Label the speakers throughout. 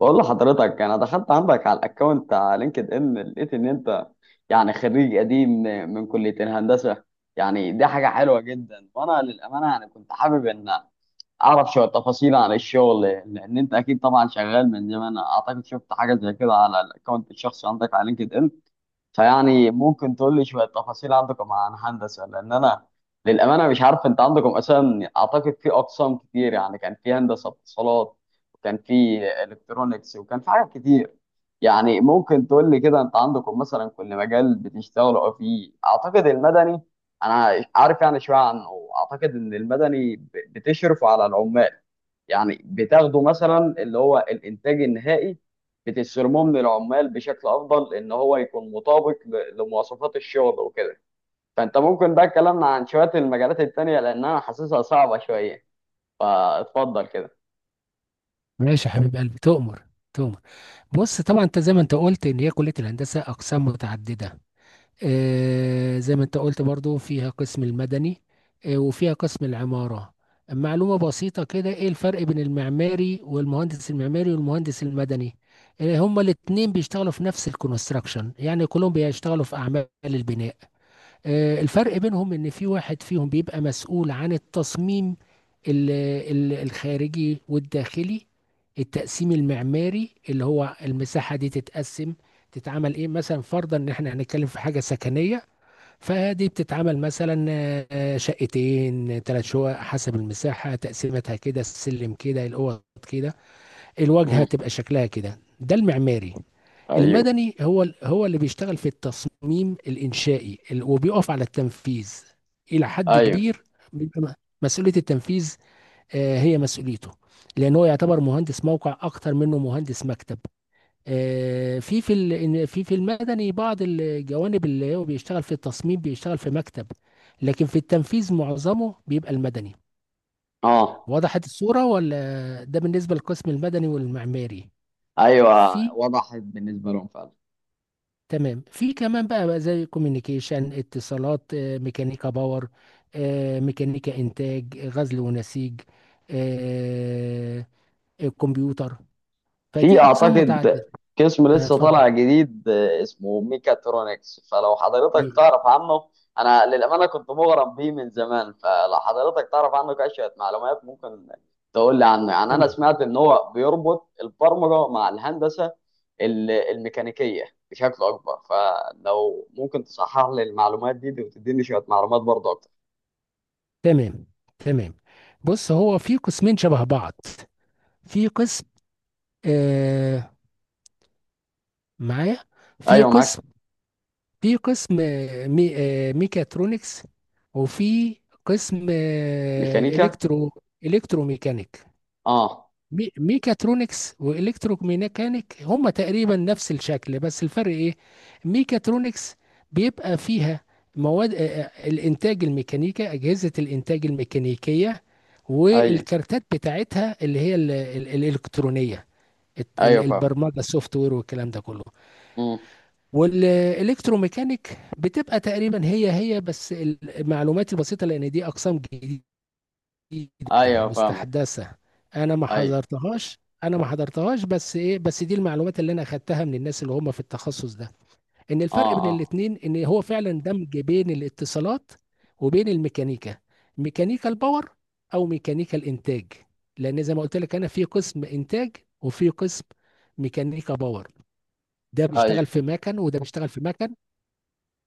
Speaker 1: بقول لحضرتك انا دخلت عندك على الاكونت على لينكد ان، لقيت ان انت يعني خريج قديم من كلية الهندسة. يعني دي حاجة حلوة جدا، وانا للأمانة يعني كنت حابب ان اعرف شوية تفاصيل عن الشغل، لان انت اكيد طبعا شغال من زمان. اعتقد شفت حاجة زي كده على الاكونت الشخصي عندك على لينكد ان. فيعني ممكن تقول لي شوية تفاصيل عندكم عن هندسة، لأن أنا للأمانة مش عارف أنت عندكم أساسا. أعتقد في أقسام كتير، يعني كان في هندسة اتصالات، وكان في إلكترونيكس، وكان في حاجات كتير. يعني ممكن تقول لي كده أنت عندكم مثلا كل مجال بتشتغلوا فيه. أعتقد المدني أنا عارف يعني شوية عنه، أعتقد إن المدني بتشرفوا على العمال. يعني بتاخده مثلا اللي هو الانتاج النهائي، بتسرموه من العمال بشكل افضل ان هو يكون مطابق لمواصفات الشغل وكده. فانت ممكن بقى كلامنا عن شويه المجالات التانيه، لان انا حاسسها صعبه شويه. فاتفضل كده.
Speaker 2: ماشي يا حبيب قلبي، تؤمر تؤمر بص طبعا انت زي ما انت قلت ان هي كليه الهندسه اقسام متعدده. آه زي ما انت قلت برضو فيها قسم المدني. آه وفيها قسم العماره. معلومه بسيطه كده، ايه الفرق بين المعماري والمهندس المعماري والمهندس المدني؟ آه هما الاثنين بيشتغلوا في نفس الكونستراكشن، يعني كلهم بيشتغلوا في اعمال البناء. الفرق بينهم ان في واحد فيهم بيبقى مسؤول عن التصميم ال- الخارجي والداخلي. التقسيم المعماري اللي هو المساحة دي تتقسم، تتعمل ايه، مثلا فرضا ان احنا هنتكلم في حاجة سكنية فدي بتتعمل مثلا شقتين ثلاث شقق حسب المساحة، تقسيمتها كده، السلم كده، الاوض كده، الواجهة
Speaker 1: امم.
Speaker 2: تبقى شكلها كده، ده المعماري.
Speaker 1: ايوه.
Speaker 2: المدني هو هو اللي بيشتغل في التصميم الإنشائي وبيقف على التنفيذ إلى حد
Speaker 1: ايوه.
Speaker 2: كبير. بيبقى مسؤولية التنفيذ آه، هي مسؤوليته، لأن هو يعتبر مهندس موقع أكتر منه مهندس مكتب. آه، في المدني بعض الجوانب اللي هو بيشتغل في التصميم بيشتغل في مكتب، لكن في التنفيذ معظمه بيبقى المدني.
Speaker 1: اه.
Speaker 2: وضحت الصورة ولا؟ ده بالنسبة للقسم المدني والمعماري.
Speaker 1: ايوه
Speaker 2: في
Speaker 1: وضحت بالنسبه لهم فعلا.
Speaker 2: تمام، في كمان بقى، زي كوميونيكيشن اتصالات، آه، ميكانيكا باور، آه، ميكانيكا انتاج، آه، غزل ونسيج، آه، الكمبيوتر.
Speaker 1: في
Speaker 2: فدي اقسام
Speaker 1: اعتقد
Speaker 2: متعدده.
Speaker 1: قسم لسه
Speaker 2: هتفضل.
Speaker 1: طالع جديد، اسمه ميكاترونكس، فلو حضرتك
Speaker 2: إيه؟
Speaker 1: تعرف عنه. انا للامانه كنت مغرم بيه من زمان، فلو حضرتك تعرف عنه كشويه معلومات ممكن تقول لي عنه. يعني انا
Speaker 2: تمام
Speaker 1: سمعت ان هو بيربط البرمجه مع الهندسه الميكانيكيه بشكل اكبر. فلو ممكن تصحح لي المعلومات دي وتديني شويه معلومات برضه اكتر.
Speaker 2: تمام تمام. بص هو في قسمين شبه بعض. في قسم آه، معايا؟ في
Speaker 1: ايوه معاك.
Speaker 2: قسم، في قسم آه، ميكاترونكس، وفي قسم آه،
Speaker 1: ميكانيكا.
Speaker 2: الكتروميكانيك.
Speaker 1: اه.
Speaker 2: ميكاترونكس والكتروميكانيك هما تقريبا نفس الشكل، بس الفرق ايه؟ ميكاترونكس بيبقى فيها مواد الانتاج الميكانيكا، اجهزة الانتاج الميكانيكية
Speaker 1: ايوه.
Speaker 2: والكارتات بتاعتها اللي هي الالكترونية،
Speaker 1: ايوه فاهم.
Speaker 2: البرمجة السوفت وير والكلام ده كله.
Speaker 1: مم.
Speaker 2: والالكتروميكانيك بتبقى تقريبا هي هي، بس المعلومات البسيطة لان دي اقسام جديدة، جديدة
Speaker 1: ايوه فاهمك.
Speaker 2: مستحدثة. انا ما
Speaker 1: ايوه.
Speaker 2: حضرتهاش، انا ما حضرتهاش، بس ايه، بس دي المعلومات اللي انا اخدتها من الناس اللي هم في التخصص ده. ان الفرق
Speaker 1: اه.
Speaker 2: بين
Speaker 1: اه.
Speaker 2: الاتنين ان هو فعلا دمج بين الاتصالات وبين الميكانيكا، ميكانيكا الباور او ميكانيكا الانتاج. لان زي ما قلت لك انا في قسم انتاج وفي قسم ميكانيكا باور، ده بيشتغل
Speaker 1: ايوه.
Speaker 2: في مكن وده بيشتغل في مكن.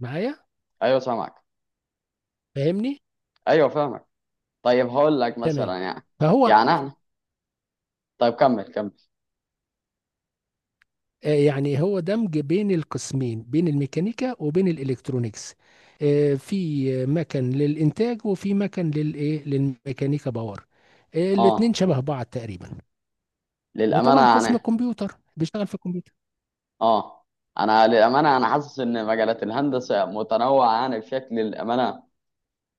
Speaker 2: معايا؟
Speaker 1: ايوه سامعك.
Speaker 2: فاهمني؟
Speaker 1: ايوه فاهمك. طيب هقول لك
Speaker 2: تمام.
Speaker 1: مثلا يعني.
Speaker 2: فهو
Speaker 1: يعني انا، طيب كمل كمل.
Speaker 2: آه، يعني هو دمج بين القسمين، بين الميكانيكا وبين الالكترونيكس. آه، في مكن للانتاج وفي مكن للايه، للميكانيكا باور. آه، الاتنين
Speaker 1: اه،
Speaker 2: شبه بعض تقريبا.
Speaker 1: للامانه
Speaker 2: وطبعا قسم
Speaker 1: يعني.
Speaker 2: الكمبيوتر بيشتغل في الكمبيوتر.
Speaker 1: اه، انا للامانه انا حاسس ان مجالات الهندسه متنوعه يعني بشكل للامانه،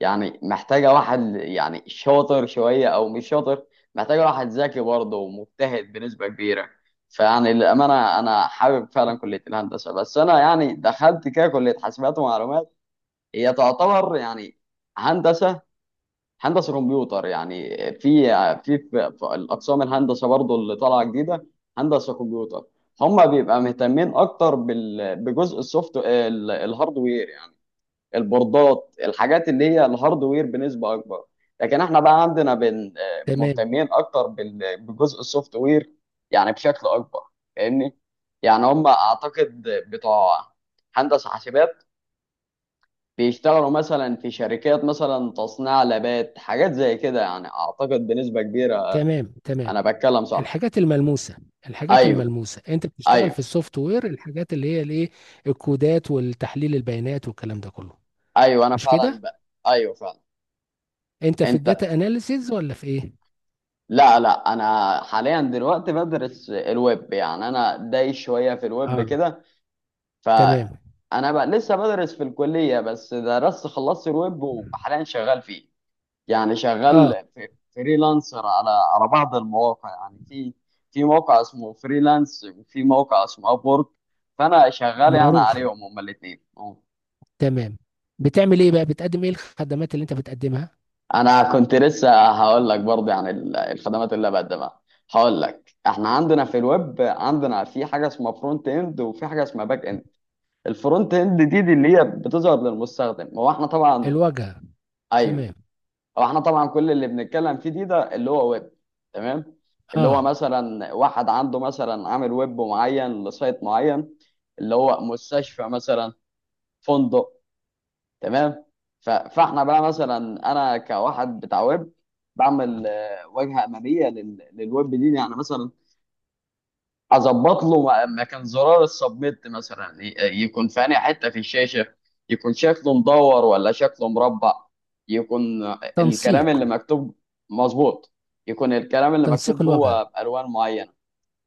Speaker 1: يعني محتاجه واحد يعني شاطر شويه او مش شاطر. محتاجه واحد ذكي برضه ومجتهد بنسبه كبيره. فيعني للامانه انا حابب فعلا كليه الهندسه، بس انا يعني دخلت كده كليه حاسبات ومعلومات. هي تعتبر يعني هندسه، هندسه كمبيوتر. يعني في الاقسام الهندسه برضو اللي طالعه جديده، هندسه كمبيوتر. هم بيبقى مهتمين اكتر بجزء السوفت الهاردوير، يعني البوردات، الحاجات اللي هي الهاردوير بنسبه اكبر. لكن احنا بقى عندنا
Speaker 2: تمام.
Speaker 1: مهتمين اكتر بجزء السوفت وير، يعني بشكل اكبر. فاهمني؟ يعني هم اعتقد بتوع هندسه حاسبات، بيشتغلوا مثلا في شركات مثلا تصنيع لبات، حاجات زي كده، يعني اعتقد بنسبة كبيرة.
Speaker 2: تمام تمام.
Speaker 1: انا بتكلم صح؟
Speaker 2: الحاجات الملموسه، الحاجات
Speaker 1: ايوه.
Speaker 2: الملموسه. انت بتشتغل
Speaker 1: ايوه.
Speaker 2: في السوفت وير، الحاجات اللي هي الايه، الكودات والتحليل البيانات والكلام ده كله.
Speaker 1: ايوه انا
Speaker 2: مش
Speaker 1: فعلا
Speaker 2: كده؟
Speaker 1: ايوه فعلا.
Speaker 2: انت في
Speaker 1: انت.
Speaker 2: الداتا اناليسيز ولا في ايه؟
Speaker 1: لا لا، انا حاليا دلوقتي بدرس الويب، يعني انا داي شوية في الويب
Speaker 2: اه.
Speaker 1: كده. ف
Speaker 2: تمام.
Speaker 1: انا بقى لسه بدرس في الكلية، بس درست خلصت الويب وحاليا شغال فيه. يعني
Speaker 2: اه
Speaker 1: شغال فريلانسر على بعض المواقع. يعني في موقع اسمه فريلانس، وفي موقع اسمه ابورك. فانا شغال يعني
Speaker 2: معروف.
Speaker 1: عليهم هما الاثنين.
Speaker 2: تمام. بتعمل ايه بقى، بتقدم ايه الخدمات اللي انت بتقدمها؟
Speaker 1: انا كنت لسه هقول لك برضه عن الخدمات اللي بقدمها. هقول لك احنا عندنا في الويب عندنا في حاجه اسمها فرونت اند، وفي حاجه اسمها باك اند. الفرونت اند دي اللي هي بتظهر للمستخدم. هو احنا طبعا.
Speaker 2: الواجهه.
Speaker 1: ايوه.
Speaker 2: تمام.
Speaker 1: هو احنا طبعا كل اللي بنتكلم فيه دي ده اللي هو ويب. تمام. اللي هو
Speaker 2: اه،
Speaker 1: مثلا واحد عنده مثلا عامل ويب معين لسايت معين، اللي هو مستشفى مثلا، فندق. تمام. فاحنا بقى مثلا، انا كواحد بتاع ويب، بعمل واجهه اماميه للويب دي، يعني مثلا اظبط له مكان زرار السبميت مثلا، يكون في أنهي حته في الشاشه، يكون شكله مدور ولا شكله مربع، يكون الكلام
Speaker 2: تنسيق.
Speaker 1: اللي مكتوب مظبوط، يكون الكلام اللي
Speaker 2: تنسيق
Speaker 1: مكتوب جوه
Speaker 2: الواجهه.
Speaker 1: بالوان معينه.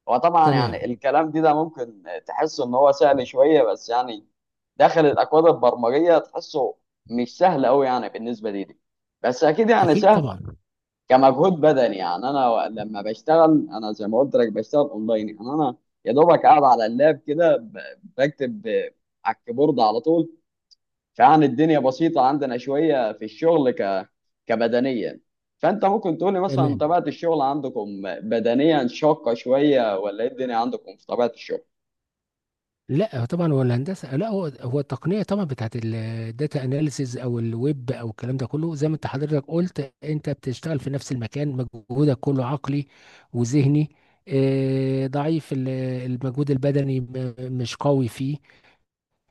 Speaker 1: وطبعا يعني
Speaker 2: تمام.
Speaker 1: الكلام دي ده ممكن تحس ان هو سهل شويه، بس يعني داخل الاكواد البرمجيه تحسه مش سهل قوي، يعني بالنسبه لي دي. بس اكيد يعني
Speaker 2: اكيد
Speaker 1: سهل
Speaker 2: طبعا.
Speaker 1: كمجهود بدني. يعني انا لما بشتغل انا زي ما قلت لك بشتغل اونلاين، يعني انا يا دوبك قاعد على اللاب كده بكتب على الكيبورد على طول. فيعني الدنيا بسيطة عندنا شوية في الشغل كبدنيا. فانت ممكن تقولي مثلا
Speaker 2: تمام.
Speaker 1: طبيعة الشغل عندكم بدنيا شاقة شوية، ولا ايه الدنيا عندكم في طبيعة الشغل؟
Speaker 2: لا طبعا، هو الهندسه، لا هو هو التقنيه طبعا بتاعت الداتا اناليسيز او الويب او الكلام ده كله، زي ما انت حضرتك قلت، انت بتشتغل في نفس المكان، مجهودك كله عقلي وذهني. آه، ضعيف المجهود البدني مش قوي فيه.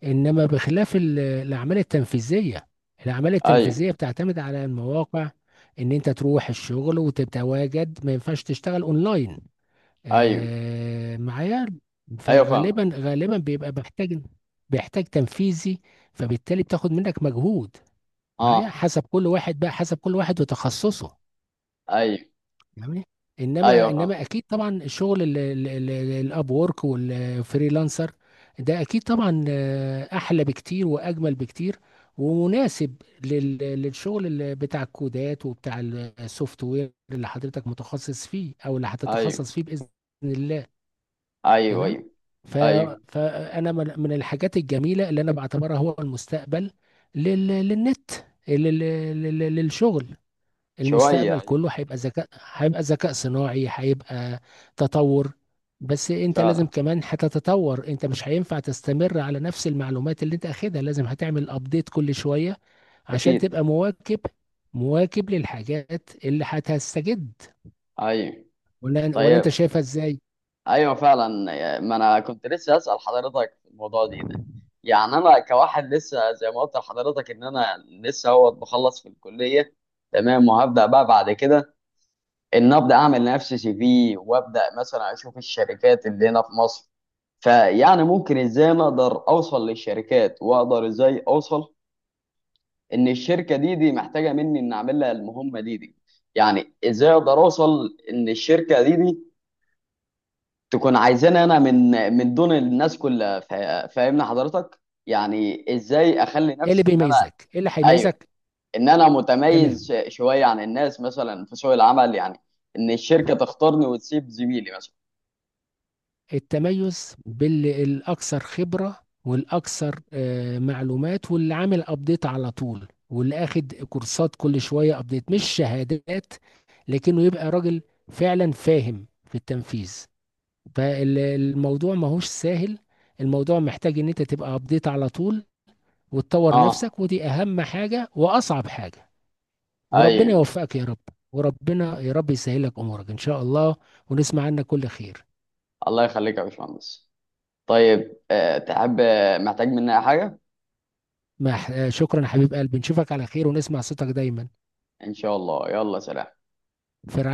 Speaker 2: انما بخلاف الاعمال التنفيذيه، الاعمال
Speaker 1: ايوه.
Speaker 2: التنفيذيه بتعتمد على المواقع، ان انت تروح الشغل وتتواجد، ما ينفعش تشتغل اونلاين.
Speaker 1: ايوه.
Speaker 2: آه معايا؟
Speaker 1: ايوه فاهم.
Speaker 2: فغالبا بيبقى محتاج، بيحتاج تنفيذي، فبالتالي بتاخد منك مجهود. معايا؟
Speaker 1: اه.
Speaker 2: حسب كل واحد بقى، حسب كل واحد وتخصصه.
Speaker 1: ايوه.
Speaker 2: جميل. انما
Speaker 1: ايوه فاهم.
Speaker 2: انما اكيد طبعا الشغل الاب وورك والفريلانسر، ده اكيد طبعا آه، احلى بكتير واجمل بكتير، ومناسب للشغل بتاع الكودات وبتاع السوفت وير اللي حضرتك متخصص فيه او اللي
Speaker 1: ايوه.
Speaker 2: هتتخصص فيه باذن الله.
Speaker 1: ايوه.
Speaker 2: تمام.
Speaker 1: ايوه.
Speaker 2: ف،
Speaker 1: ايوه
Speaker 2: فانا من الحاجات الجميله اللي انا بعتبرها هو المستقبل. للنت، لل- للشغل.
Speaker 1: شوية.
Speaker 2: المستقبل
Speaker 1: ايوه
Speaker 2: كله هيبقى ذكاء، هيبقى ذكاء صناعي، هيبقى تطور. بس انت لازم
Speaker 1: فعلا.
Speaker 2: كمان هتتطور، انت مش هينفع تستمر على نفس المعلومات اللي انت اخدها، لازم هتعمل ابديت كل شوية عشان
Speaker 1: اكيد.
Speaker 2: تبقى مواكب، مواكب للحاجات اللي هتستجد.
Speaker 1: ايوه.
Speaker 2: ولا انت
Speaker 1: طيب.
Speaker 2: شايفها ازاي؟
Speaker 1: ايوه فعلا، ما انا كنت لسه اسال حضرتك في الموضوع دي ده. يعني انا كواحد لسه زي ما قلت لحضرتك ان انا لسه هو بخلص في الكليه. تمام. وهبدا بقى بعد كده ان ابدا اعمل لنفسي CV، وابدا مثلا اشوف الشركات اللي هنا في مصر. فيعني ممكن ازاي انا اقدر اوصل للشركات، واقدر ازاي اوصل ان الشركه دي محتاجه مني ان اعمل لها المهمه دي. يعني ازاي اقدر اوصل ان الشركه دي تكون عايزاني انا من دون الناس كلها. فاهمني حضرتك؟ يعني ازاي اخلي
Speaker 2: ايه اللي
Speaker 1: نفسي ان انا.
Speaker 2: بيميزك، ايه اللي
Speaker 1: ايوه.
Speaker 2: هيميزك؟
Speaker 1: ان انا متميز
Speaker 2: تمام.
Speaker 1: شويه عن الناس مثلا في سوق العمل، يعني ان الشركه تختارني وتسيب زميلي مثلا.
Speaker 2: التميز بالاكثر خبره والاكثر آه، معلومات، واللي عامل ابديت على طول، واللي اخد كورسات كل شويه ابديت مش شهادات، لكنه يبقى راجل فعلا فاهم في التنفيذ. فالموضوع ماهوش سهل، الموضوع محتاج ان انت تبقى ابديت على طول وتطور
Speaker 1: اه.
Speaker 2: نفسك، ودي اهم حاجه واصعب حاجه. وربنا
Speaker 1: ايوه.
Speaker 2: يوفقك يا رب، وربنا يا رب يسهلك امورك ان شاء الله، ونسمع عنك كل خير.
Speaker 1: الله يخليك يا باشمهندس. طيب تحب، محتاج مني أي حاجه؟
Speaker 2: مح... آه، شكرا يا حبيب قلبي، نشوفك على خير ونسمع صوتك دايما.
Speaker 1: ان شاء الله، يلا سلام.
Speaker 2: في رعاية.